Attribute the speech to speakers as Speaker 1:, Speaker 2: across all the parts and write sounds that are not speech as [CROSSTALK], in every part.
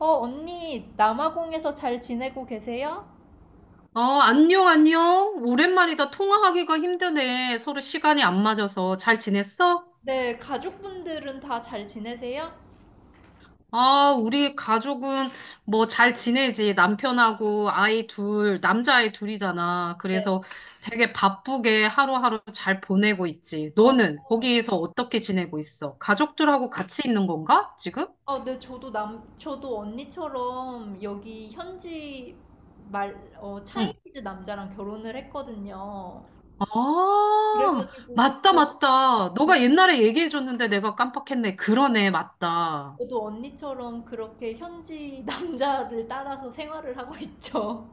Speaker 1: 언니, 남아공에서 잘 지내고 계세요?
Speaker 2: 안녕, 안녕. 오랜만이다. 통화하기가 힘드네. 서로 시간이 안 맞아서. 잘 지냈어?
Speaker 1: 네, 가족분들은 다 잘 지내세요?
Speaker 2: 아, 우리 가족은 뭐 잘 지내지. 남편하고 아이 둘, 남자아이 둘이잖아.
Speaker 1: 네,
Speaker 2: 그래서 되게 바쁘게 하루하루 잘 보내고 있지.
Speaker 1: 어,
Speaker 2: 너는 거기에서 어떻게 지내고 있어? 가족들하고 같이 있는 건가? 지금?
Speaker 1: 저도 언니처럼 여기 현지
Speaker 2: 응.
Speaker 1: 차이니즈 남자랑 결혼을 했거든요.
Speaker 2: 아,
Speaker 1: 그래가지고
Speaker 2: 맞다,
Speaker 1: 저도,
Speaker 2: 맞다.
Speaker 1: 네,
Speaker 2: 너가 옛날에 얘기해줬는데 내가 깜빡했네. 그러네, 맞다.
Speaker 1: 저도 언니처럼 그렇게 현지 [LAUGHS] 남자를 따라서 생활을 하고 있죠.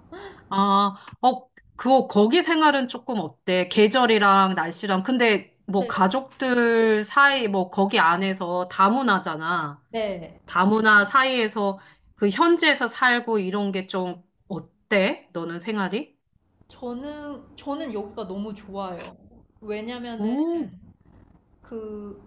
Speaker 2: 아, 어, 그거, 거기 생활은 조금 어때? 계절이랑 날씨랑. 근데 뭐
Speaker 1: 네,
Speaker 2: 가족들 사이, 뭐 거기 안에서 다문화잖아.
Speaker 1: 네.
Speaker 2: 다문화 사이에서 그 현지에서 살고 이런 게 좀 어때? 너는 생활이?
Speaker 1: 저는 여기가 너무 좋아요. 왜냐면은
Speaker 2: 오,
Speaker 1: 그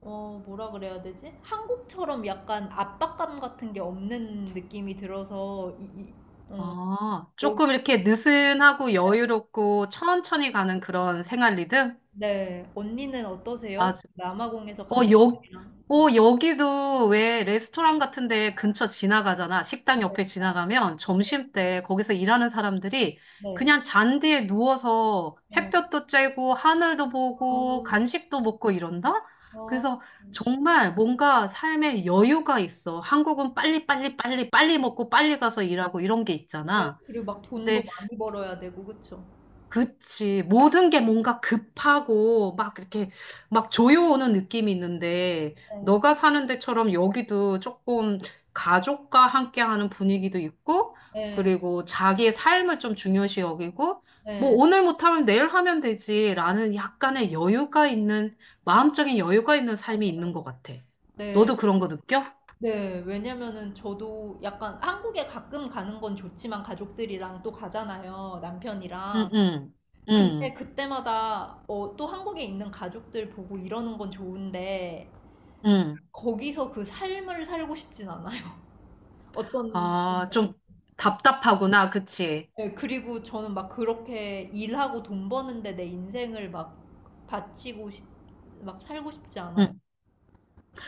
Speaker 1: 뭐라 그래야 되지? 한국처럼 약간 압박감 같은 게 없는 느낌이 들어서 이, 이- 어,
Speaker 2: 아,
Speaker 1: 여기
Speaker 2: 조금 이렇게 느슨하고 여유롭고 천천히 가는 그런 생활 리듬?
Speaker 1: 네, 언니는 어떠세요? 남아공에서
Speaker 2: 어, 여,
Speaker 1: 가족들이랑.
Speaker 2: 여기도 왜 레스토랑 같은데 근처 지나가잖아. 식당
Speaker 1: 네,
Speaker 2: 옆에 지나가면 점심때 거기서 일하는 사람들이
Speaker 1: 네.
Speaker 2: 그냥 잔디에 누워서 햇볕도 쬐고 하늘도 보고
Speaker 1: 어,
Speaker 2: 간식도 먹고 이런다?
Speaker 1: 어,
Speaker 2: 그래서 정말 뭔가 삶에 여유가 있어. 한국은 빨리 빨리 빨리 빨리 먹고 빨리 가서 일하고 이런 게
Speaker 1: 네.
Speaker 2: 있잖아.
Speaker 1: 그리고 막 돈도
Speaker 2: 근데
Speaker 1: 많이 벌어야 되고 그쵸?
Speaker 2: 그치. 모든 게 뭔가 급하고 막 이렇게 막 조여오는 느낌이 있는데
Speaker 1: 네,
Speaker 2: 너가 사는 데처럼 여기도 조금 가족과 함께하는 분위기도 있고
Speaker 1: 네,
Speaker 2: 그리고 자기의 삶을 좀 중요시 여기고 뭐
Speaker 1: 네,
Speaker 2: 오늘 못하면 내일 하면 되지라는 약간의 여유가 있는 마음적인 여유가 있는 삶이 있는 것 같아.
Speaker 1: 네,
Speaker 2: 너도 그런 거 느껴?
Speaker 1: 네. 왜냐면은 저도 약간 한국에 가끔 가는 건 좋지만 가족들이랑 또 가잖아요, 남편이랑.
Speaker 2: 응, 응, 응,
Speaker 1: 근데 그때마다 또 한국에 있는 가족들 보고 이러는 건 좋은데
Speaker 2: 응.
Speaker 1: 거기서 그 삶을 살고 싶진 않아요. [LAUGHS] 어떤
Speaker 2: 아,
Speaker 1: 건지 알아요.
Speaker 2: 좀 답답하구나. 그치?
Speaker 1: 네, 그리고 저는 막 그렇게 일하고 돈 버는데 내 인생을 막 바치고 싶, 막 살고 싶지 않아요.
Speaker 2: 응.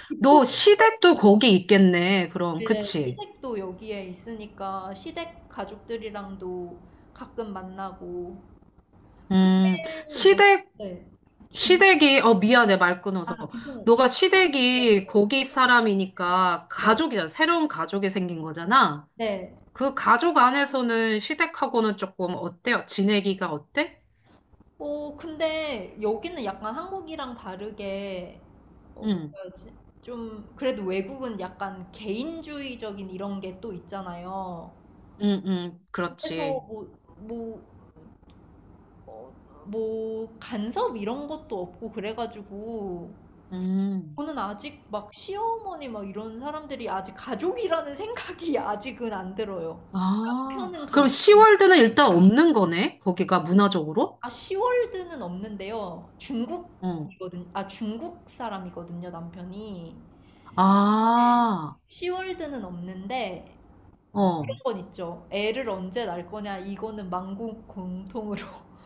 Speaker 1: 집도
Speaker 2: 너 시댁도 거기 있겠네, 그럼.
Speaker 1: 받는데
Speaker 2: 그치?
Speaker 1: 시댁도 여기에 있으니까 시댁 가족들이랑도 가끔 만나고.
Speaker 2: 음,
Speaker 1: 근데 여기
Speaker 2: 시댁,
Speaker 1: 네, 중,
Speaker 2: 시댁이, 미안해, 말
Speaker 1: 아
Speaker 2: 끊어서.
Speaker 1: 괜찮아요.
Speaker 2: 너가
Speaker 1: 네, 네,
Speaker 2: 시댁이 거기
Speaker 1: 네.
Speaker 2: 사람이니까
Speaker 1: 네.
Speaker 2: 가족이잖아. 새로운 가족이 생긴 거잖아.
Speaker 1: 네.
Speaker 2: 그 가족 안에서는 시댁하고는 조금 어때요? 지내기가 어때?
Speaker 1: 근데 여기는 약간 한국이랑 다르게, 뭐라
Speaker 2: 응,
Speaker 1: 해야지? 좀, 그래도 외국은 약간 개인주의적인 이런 게 또 있잖아요.
Speaker 2: 응, 응,
Speaker 1: 그래서
Speaker 2: 그렇지.
Speaker 1: 뭐, 뭐, 어, 뭐, 간섭 이런 것도 없고 그래가지고,
Speaker 2: 음.
Speaker 1: 저는 아직 막 시어머니 막 이런 사람들이 아직 가족이라는 생각이 [LAUGHS] 아직은 안 들어요.
Speaker 2: 아,
Speaker 1: 남편은
Speaker 2: 그럼
Speaker 1: 가족.
Speaker 2: 시월드는 일단 없는 거네? 거기가 문화적으로?
Speaker 1: 아, 시월드는 없는데요.
Speaker 2: 어.
Speaker 1: 중국이거든. 아, 중국 사람이거든요, 남편이. 네.
Speaker 2: 아,
Speaker 1: 시월드는 없는데 그런
Speaker 2: 어.
Speaker 1: 건 있죠. 애를 언제 낳을 거냐 이거는 만국 공통으로. [LAUGHS]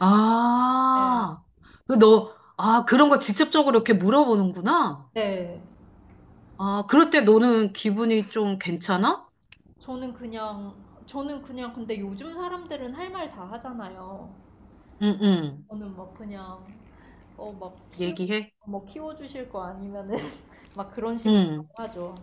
Speaker 1: 네.
Speaker 2: 아, 아, 그런 거 직접적으로 이렇게 물어보는구나.
Speaker 1: 네.
Speaker 2: 아, 그럴 때 너는 기분이 좀 괜찮아?
Speaker 1: 저는 그냥 근데 요즘 사람들은 할 말 다 하잖아요.
Speaker 2: 응, 응.
Speaker 1: 저는 막 그냥 어 막 키워
Speaker 2: 얘기해?
Speaker 1: 뭐 키워 주실 거 아니면은 [LAUGHS] 막 그런 식으로
Speaker 2: 응.
Speaker 1: 하죠.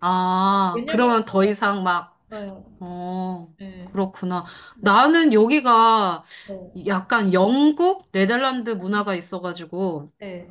Speaker 2: 아,
Speaker 1: 왜냐면.
Speaker 2: 그러면 더 이상 막,
Speaker 1: 네.
Speaker 2: 어,
Speaker 1: 네.
Speaker 2: 그렇구나.
Speaker 1: 네.
Speaker 2: 나는 여기가
Speaker 1: 어.
Speaker 2: 약간 영국, 네덜란드 문화가 있어가지고,
Speaker 1: 네.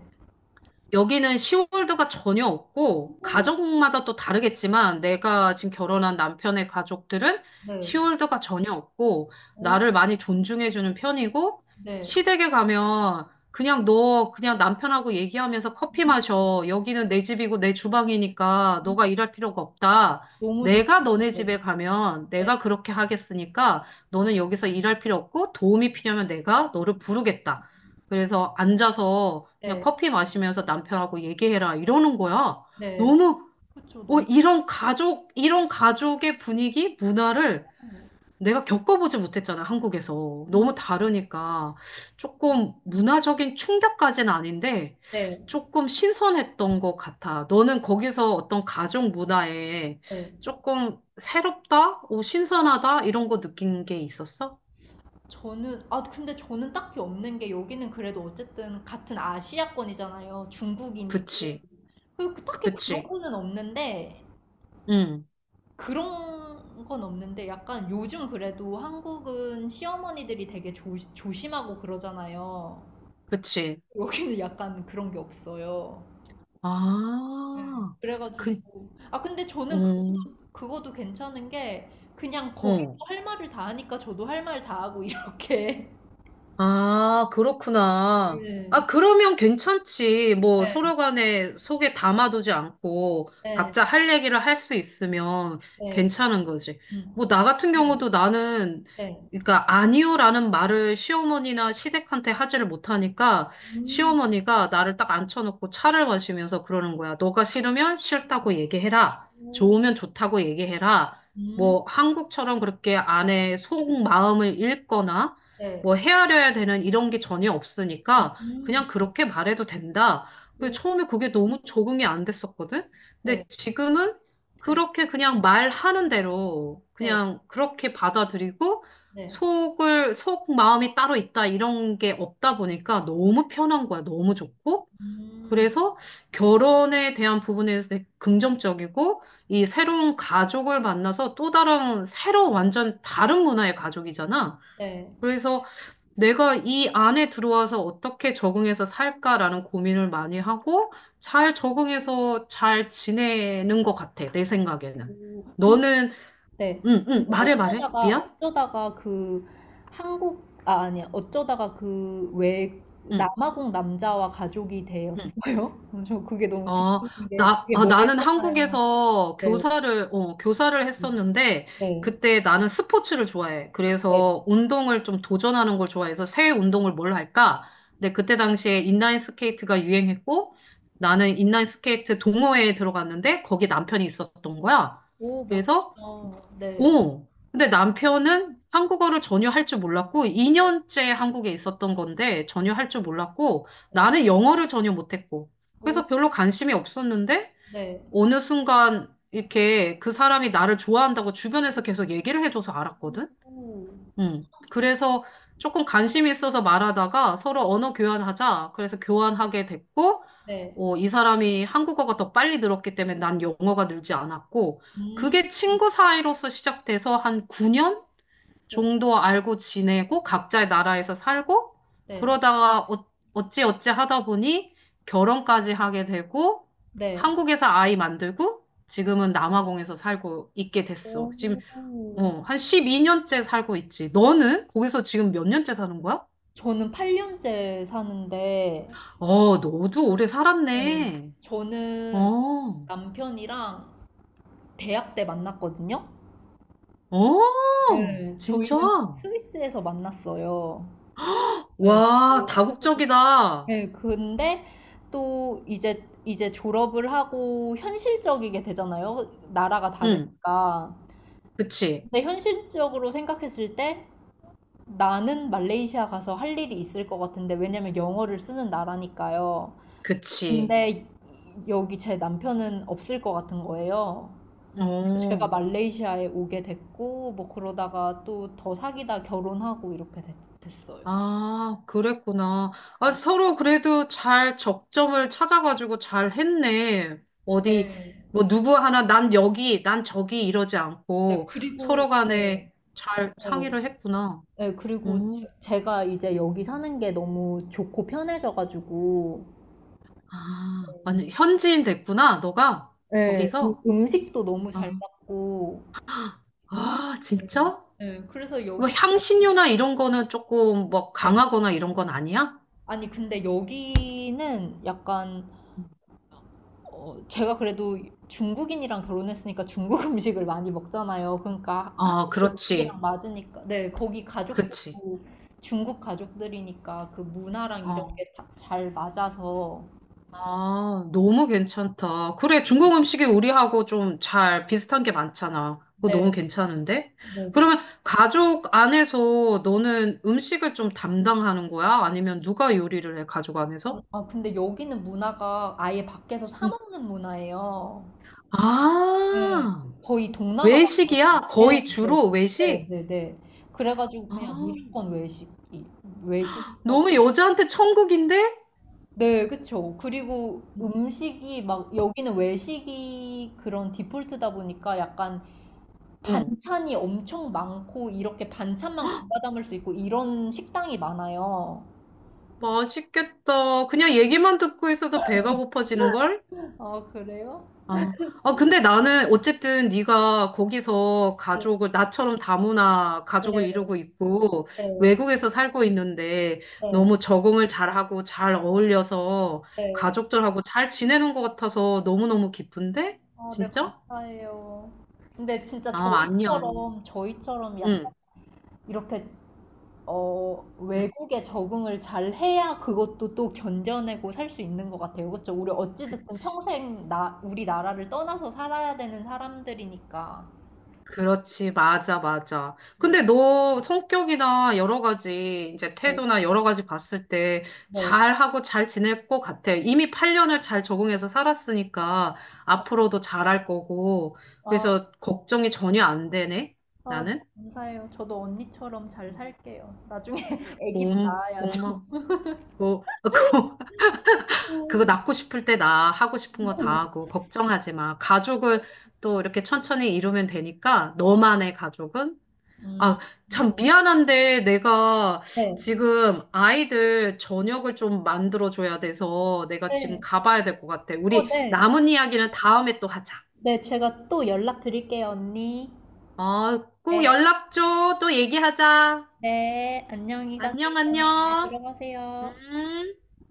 Speaker 2: 여기는 시월드가 전혀 없고,
Speaker 1: 오.
Speaker 2: 가족마다 또 다르겠지만, 내가 지금 결혼한 남편의 가족들은
Speaker 1: 네.
Speaker 2: 시월드가 전혀 없고,
Speaker 1: 오.
Speaker 2: 나를 많이 존중해주는 편이고,
Speaker 1: 네.
Speaker 2: 시댁에 가면, 그냥 남편하고 얘기하면서 커피
Speaker 1: 음.
Speaker 2: 마셔. 여기는 내 집이고 내 주방이니까
Speaker 1: 음.
Speaker 2: 너가 일할 필요가 없다.
Speaker 1: 너무 좋다.
Speaker 2: 내가 너네 집에 가면
Speaker 1: 네.
Speaker 2: 내가 그렇게 하겠으니까 너는 여기서 일할 필요 없고 도움이 필요하면 내가 너를 부르겠다. 그래서 앉아서 그냥
Speaker 1: 네.
Speaker 2: 커피 마시면서 남편하고 얘기해라 이러는 거야.
Speaker 1: 네.
Speaker 2: 너무
Speaker 1: 그쵸. 너무.
Speaker 2: 이런 가족 이런 가족의 분위기 문화를
Speaker 1: 음.
Speaker 2: 내가 겪어보지 못했잖아. 한국에서 너무 다르니까 조금
Speaker 1: 음.
Speaker 2: 문화적인 충격까지는 아닌데
Speaker 1: 네.
Speaker 2: 조금 신선했던 것 같아. 너는 거기서 어떤 가족 문화에
Speaker 1: 네.
Speaker 2: 조금 새롭다, 오, 신선하다 이런 거 느낀 게 있었어?
Speaker 1: 저는 아 근데 저는 딱히 없는 게 여기는 그래도 어쨌든 같은 아시아권이잖아요. 중국인이고.
Speaker 2: 그치,
Speaker 1: 딱히 그런
Speaker 2: 그치,
Speaker 1: 거는 없는데,
Speaker 2: 응,
Speaker 1: 그런 건 없는데 약간 요즘 그래도 한국은 시어머니들이 되게 조심하고 그러잖아요.
Speaker 2: 그치.
Speaker 1: 여기는 약간 그런 게 없어요. 네.
Speaker 2: 아. 그,
Speaker 1: 그래가지고 아 근데 저는
Speaker 2: 음,
Speaker 1: 그것도 괜찮은 게 그냥 거기서
Speaker 2: 응.
Speaker 1: 할 말을 다 하니까 저도 할 말 다 하고 이렇게. [LAUGHS]
Speaker 2: 아, 그렇구나. 아,
Speaker 1: 네.
Speaker 2: 그러면 괜찮지. 뭐,
Speaker 1: 네.
Speaker 2: 서로 간에 속에 담아두지 않고
Speaker 1: 네,
Speaker 2: 각자 할 얘기를 할 수 있으면
Speaker 1: 네,
Speaker 2: 괜찮은 거지.
Speaker 1: 음,
Speaker 2: 뭐, 나 같은
Speaker 1: 네,
Speaker 2: 경우도 나는,
Speaker 1: 네,
Speaker 2: 그러니까, 아니요라는 말을 시어머니나 시댁한테 하지를 못하니까
Speaker 1: 음,
Speaker 2: 시어머니가 나를 딱 앉혀놓고 차를 마시면서 그러는 거야. 너가 싫으면 싫다고 얘기해라.
Speaker 1: 오,
Speaker 2: 좋으면 좋다고 얘기해라.
Speaker 1: 음,
Speaker 2: 뭐, 한국처럼 그렇게 아내의 속마음을 읽거나
Speaker 1: 네,
Speaker 2: 뭐 헤아려야 되는 이런 게 전혀 없으니까 그냥
Speaker 1: 네,
Speaker 2: 그렇게 말해도 된다. 그
Speaker 1: 오,
Speaker 2: 처음에 그게 너무 적응이 안 됐었거든?
Speaker 1: 네,
Speaker 2: 근데 지금은
Speaker 1: 네,
Speaker 2: 그렇게 그냥 말하는 대로
Speaker 1: 네,
Speaker 2: 그냥 그렇게 받아들이고
Speaker 1: 네,
Speaker 2: 속 마음이 따로 있다 이런 게 없다 보니까 너무 편한 거야. 너무 좋고.
Speaker 1: 음,
Speaker 2: 그래서 결혼에 대한 부분에서 되게 긍정적이고 이 새로운 가족을 만나서 또 다른 새로 완전 다른 문화의 가족이잖아.
Speaker 1: 네,
Speaker 2: 그래서 내가 이 안에 들어와서 어떻게 적응해서 살까라는 고민을 많이 하고 잘 적응해서 잘 지내는 것 같아, 내 생각에는.
Speaker 1: 오.
Speaker 2: 너는,
Speaker 1: 네.
Speaker 2: 응, 응,
Speaker 1: 근데
Speaker 2: 말해, 말해. 미안?
Speaker 1: 어쩌다가 그 한국 아 아니 어쩌다가 그 왜
Speaker 2: 응.
Speaker 1: 남아공 남자와 가족이
Speaker 2: 응.
Speaker 1: 되었어요? [LAUGHS] 저 그게 너무
Speaker 2: 아,
Speaker 1: 궁금한 게 되게
Speaker 2: 아, 나는
Speaker 1: 멀잖아요.
Speaker 2: 한국에서
Speaker 1: 네.
Speaker 2: 교사를
Speaker 1: 음,
Speaker 2: 했었는데,
Speaker 1: 네.
Speaker 2: 그때 나는 스포츠를 좋아해.
Speaker 1: 네.
Speaker 2: 그래서 운동을 좀 도전하는 걸 좋아해서 새 운동을 뭘 할까? 근데 그때 당시에 인라인 스케이트가 유행했고, 나는 인라인 스케이트 동호회에 들어갔는데, 거기 남편이 있었던 거야.
Speaker 1: 오,
Speaker 2: 그래서
Speaker 1: 멋지다. 네.
Speaker 2: 오, 근데 남편은 한국어를 전혀 할 줄 몰랐고, 2년째 한국에 있었던 건데, 전혀 할 줄 몰랐고,
Speaker 1: 네.
Speaker 2: 나는 영어를 전혀 못했고,
Speaker 1: 오.
Speaker 2: 그래서 별로 관심이 없었는데,
Speaker 1: 네.
Speaker 2: 어느 순간 이렇게 그 사람이 나를 좋아한다고 주변에서 계속 얘기를 해줘서 알았거든?
Speaker 1: 오.
Speaker 2: 음. 그래서 조금 관심이 있어서 말하다가 서로 언어 교환하자. 그래서
Speaker 1: 네.
Speaker 2: 교환하게 됐고,
Speaker 1: 네.
Speaker 2: 어, 이 사람이 한국어가 더 빨리 늘었기 때문에 난 영어가 늘지 않았고,
Speaker 1: 음.
Speaker 2: 그게 친구 사이로서 시작돼서 한 9년
Speaker 1: 오.
Speaker 2: 정도 알고 지내고, 각자의 나라에서 살고,
Speaker 1: 네.
Speaker 2: 그러다가 어, 어찌 어찌 하다 보니 결혼까지 하게 되고,
Speaker 1: 네.
Speaker 2: 한국에서 아이 만들고, 지금은 남아공에서 살고 있게 됐어. 지금
Speaker 1: 오.
Speaker 2: 어, 한 12년째 살고 있지. 너는 거기서 지금 몇 년째 사는 거야?
Speaker 1: 저는 8년째 사는데,
Speaker 2: 어, 너도 오래
Speaker 1: 네.
Speaker 2: 살았네.
Speaker 1: 저는
Speaker 2: 어,
Speaker 1: 남편이랑 대학 때 만났거든요.
Speaker 2: 어,
Speaker 1: 네,
Speaker 2: 진짜?
Speaker 1: 저희는 스위스에서 만났어요. 네. 그
Speaker 2: 와,
Speaker 1: 리
Speaker 2: 다국적이다.
Speaker 1: 네, 근데 또 이제 졸업을 하고 현실적이게 되잖아요, 나라가
Speaker 2: 응,
Speaker 1: 다르니까.
Speaker 2: 그치,
Speaker 1: 근데 현실적으로 생각했을 때 나는 말레이시아 가서 할 일이 있을 것 같은데, 왜냐면 영어를 쓰는 나라니까요.
Speaker 2: 그치.
Speaker 1: 근데 여기 제 남편은 없을 것 같은 거예요. 제가
Speaker 2: 어,
Speaker 1: 말레이시아에 오게 됐고, 뭐 그러다가 또 더 사귀다 결혼하고 이렇게 어요.
Speaker 2: 아, 그랬구나. 아, 서로 그래도 잘 적점을 찾아가지고 잘 했네. 어디,
Speaker 1: 네.
Speaker 2: 뭐, 누구 하나, 난 여기, 난 저기 이러지
Speaker 1: 네,
Speaker 2: 않고
Speaker 1: 그리고,
Speaker 2: 서로
Speaker 1: 네,
Speaker 2: 간에 잘
Speaker 1: 맞아요.
Speaker 2: 상의를 했구나.
Speaker 1: 네, 그리고
Speaker 2: 어,
Speaker 1: 제가 이제 여기 사는 게 너무 좋고 편해져가지고,
Speaker 2: 아, 완전 현지인 됐구나, 너가.
Speaker 1: 네, 음,
Speaker 2: 거기서.
Speaker 1: 음식도 너무 잘
Speaker 2: 아,
Speaker 1: 맞고,
Speaker 2: 아,
Speaker 1: 네,
Speaker 2: 진짜?
Speaker 1: 네, 그래서
Speaker 2: 뭐
Speaker 1: 여기서,
Speaker 2: 향신료나 이런 거는 조금 뭐
Speaker 1: 네.
Speaker 2: 강하거나 이런 건 아니야?
Speaker 1: 아니, 근데 여기는 약간 제가 그래도 중국인이랑 결혼했으니까 중국 [LAUGHS] 음식을 많이 먹잖아요. 그러니까
Speaker 2: 아,
Speaker 1: 한국
Speaker 2: 그렇지.
Speaker 1: 음식이랑 맞으니까. 네, 거기
Speaker 2: 그렇지.
Speaker 1: 가족들도 중국 가족들이니까 그 문화랑 이런
Speaker 2: 어,
Speaker 1: 게 다 잘 맞아서.
Speaker 2: 아, 너무 괜찮다. 그래, 중국 음식이 우리하고 좀 잘 비슷한 게 많잖아. 그거
Speaker 1: 네,
Speaker 2: 너무 괜찮은데?
Speaker 1: 네. 그쵸.
Speaker 2: 그러면 가족 안에서 너는 음식을 좀 담당하는 거야? 아니면 누가 요리를 해, 가족 안에서?
Speaker 1: 아, 근데 여기는 문화가 아예 밖에서 사
Speaker 2: 응.
Speaker 1: 먹는 문화예요. 네.
Speaker 2: 아,
Speaker 1: 거의 동남아 같아요.
Speaker 2: 외식이야?
Speaker 1: 네,
Speaker 2: 거의
Speaker 1: 네,
Speaker 2: 주로
Speaker 1: 네,
Speaker 2: 외식?
Speaker 1: 네. 네. 그래가지고
Speaker 2: 아,
Speaker 1: 그냥 무조건 외식하고.
Speaker 2: 너무 여자한테 천국인데?
Speaker 1: 네, 그쵸. 그리고 음식이 막 여기는 외식이 그런 디폴트다 보니까 약간
Speaker 2: 어,
Speaker 1: 반찬이 엄청 많고 이렇게 반찬만 골라 담을 수 있고 이런 식당이 많아요.
Speaker 2: 맛있겠다. 그냥 얘기만 듣고 있어도 배가 고파지는걸?
Speaker 1: 아, 그래요?
Speaker 2: 아, 아, 근데 나는 어쨌든 네가 거기서
Speaker 1: 네,
Speaker 2: 가족을 나처럼 다문화
Speaker 1: 네,
Speaker 2: 가족을 이루고 있고
Speaker 1: 네,
Speaker 2: 외국에서 살고 있는데
Speaker 1: 네.
Speaker 2: 너무 적응을 잘하고 잘 어울려서
Speaker 1: 네.
Speaker 2: 가족들하고 잘 지내는 것 같아서 너무너무 기쁜데?
Speaker 1: 어, 네,
Speaker 2: 진짜?
Speaker 1: 감사해요. 근데 진짜
Speaker 2: 아, 아니야, 아니야.
Speaker 1: 저희처럼 약간
Speaker 2: 응,
Speaker 1: 이렇게
Speaker 2: 응,
Speaker 1: 외국에 적응을 잘 해야 그것도 또 견뎌내고 살 수 있는 것 같아요. 그렇죠? 우리 어찌됐든
Speaker 2: 그치.
Speaker 1: 평생 우리나라를 떠나서 살아야 되는 사람들이니까.
Speaker 2: 그렇지, 맞아, 맞아.
Speaker 1: 네,
Speaker 2: 근데 너 성격이나 여러 가지, 이제
Speaker 1: 네.
Speaker 2: 태도나 여러 가지 봤을 때
Speaker 1: 네.
Speaker 2: 잘하고 잘 지낼 것 같아. 이미 8년을 잘 적응해서 살았으니까 앞으로도 잘 할 거고.
Speaker 1: 아,
Speaker 2: 그래서 걱정이 전혀 안 되네,
Speaker 1: 아, 네,
Speaker 2: 나는.
Speaker 1: 감사해요. 저도 언니처럼 잘
Speaker 2: 음.
Speaker 1: 살게요. 나중에 [LAUGHS] 아기도
Speaker 2: 고마,
Speaker 1: 낳아야죠.
Speaker 2: 고마, 고, [LAUGHS] 고, 그거 낳고 싶을 때 나 하고 싶은 거 다 하고, 걱정하지 마. 가족은 또 이렇게 천천히 이루면 되니까, 너만의 가족은
Speaker 1: 음,
Speaker 2: 아,
Speaker 1: 음.
Speaker 2: 참 미안한데 내가
Speaker 1: 네,
Speaker 2: 지금 아이들 저녁을 좀 만들어줘야 돼서 내가 지금
Speaker 1: 네.
Speaker 2: 가봐야 될 것 같아.
Speaker 1: 어,
Speaker 2: 우리
Speaker 1: 네.
Speaker 2: 남은 이야기는 다음에 또 하자.
Speaker 1: 네, 제가 또 연락 드릴게요, 언니.
Speaker 2: 어, 꼭
Speaker 1: 네,
Speaker 2: 연락 줘. 또 얘기하자.
Speaker 1: 네. 안녕히 가세요.
Speaker 2: 안녕,
Speaker 1: 네,
Speaker 2: 안녕.
Speaker 1: 들어가세요.
Speaker 2: 음.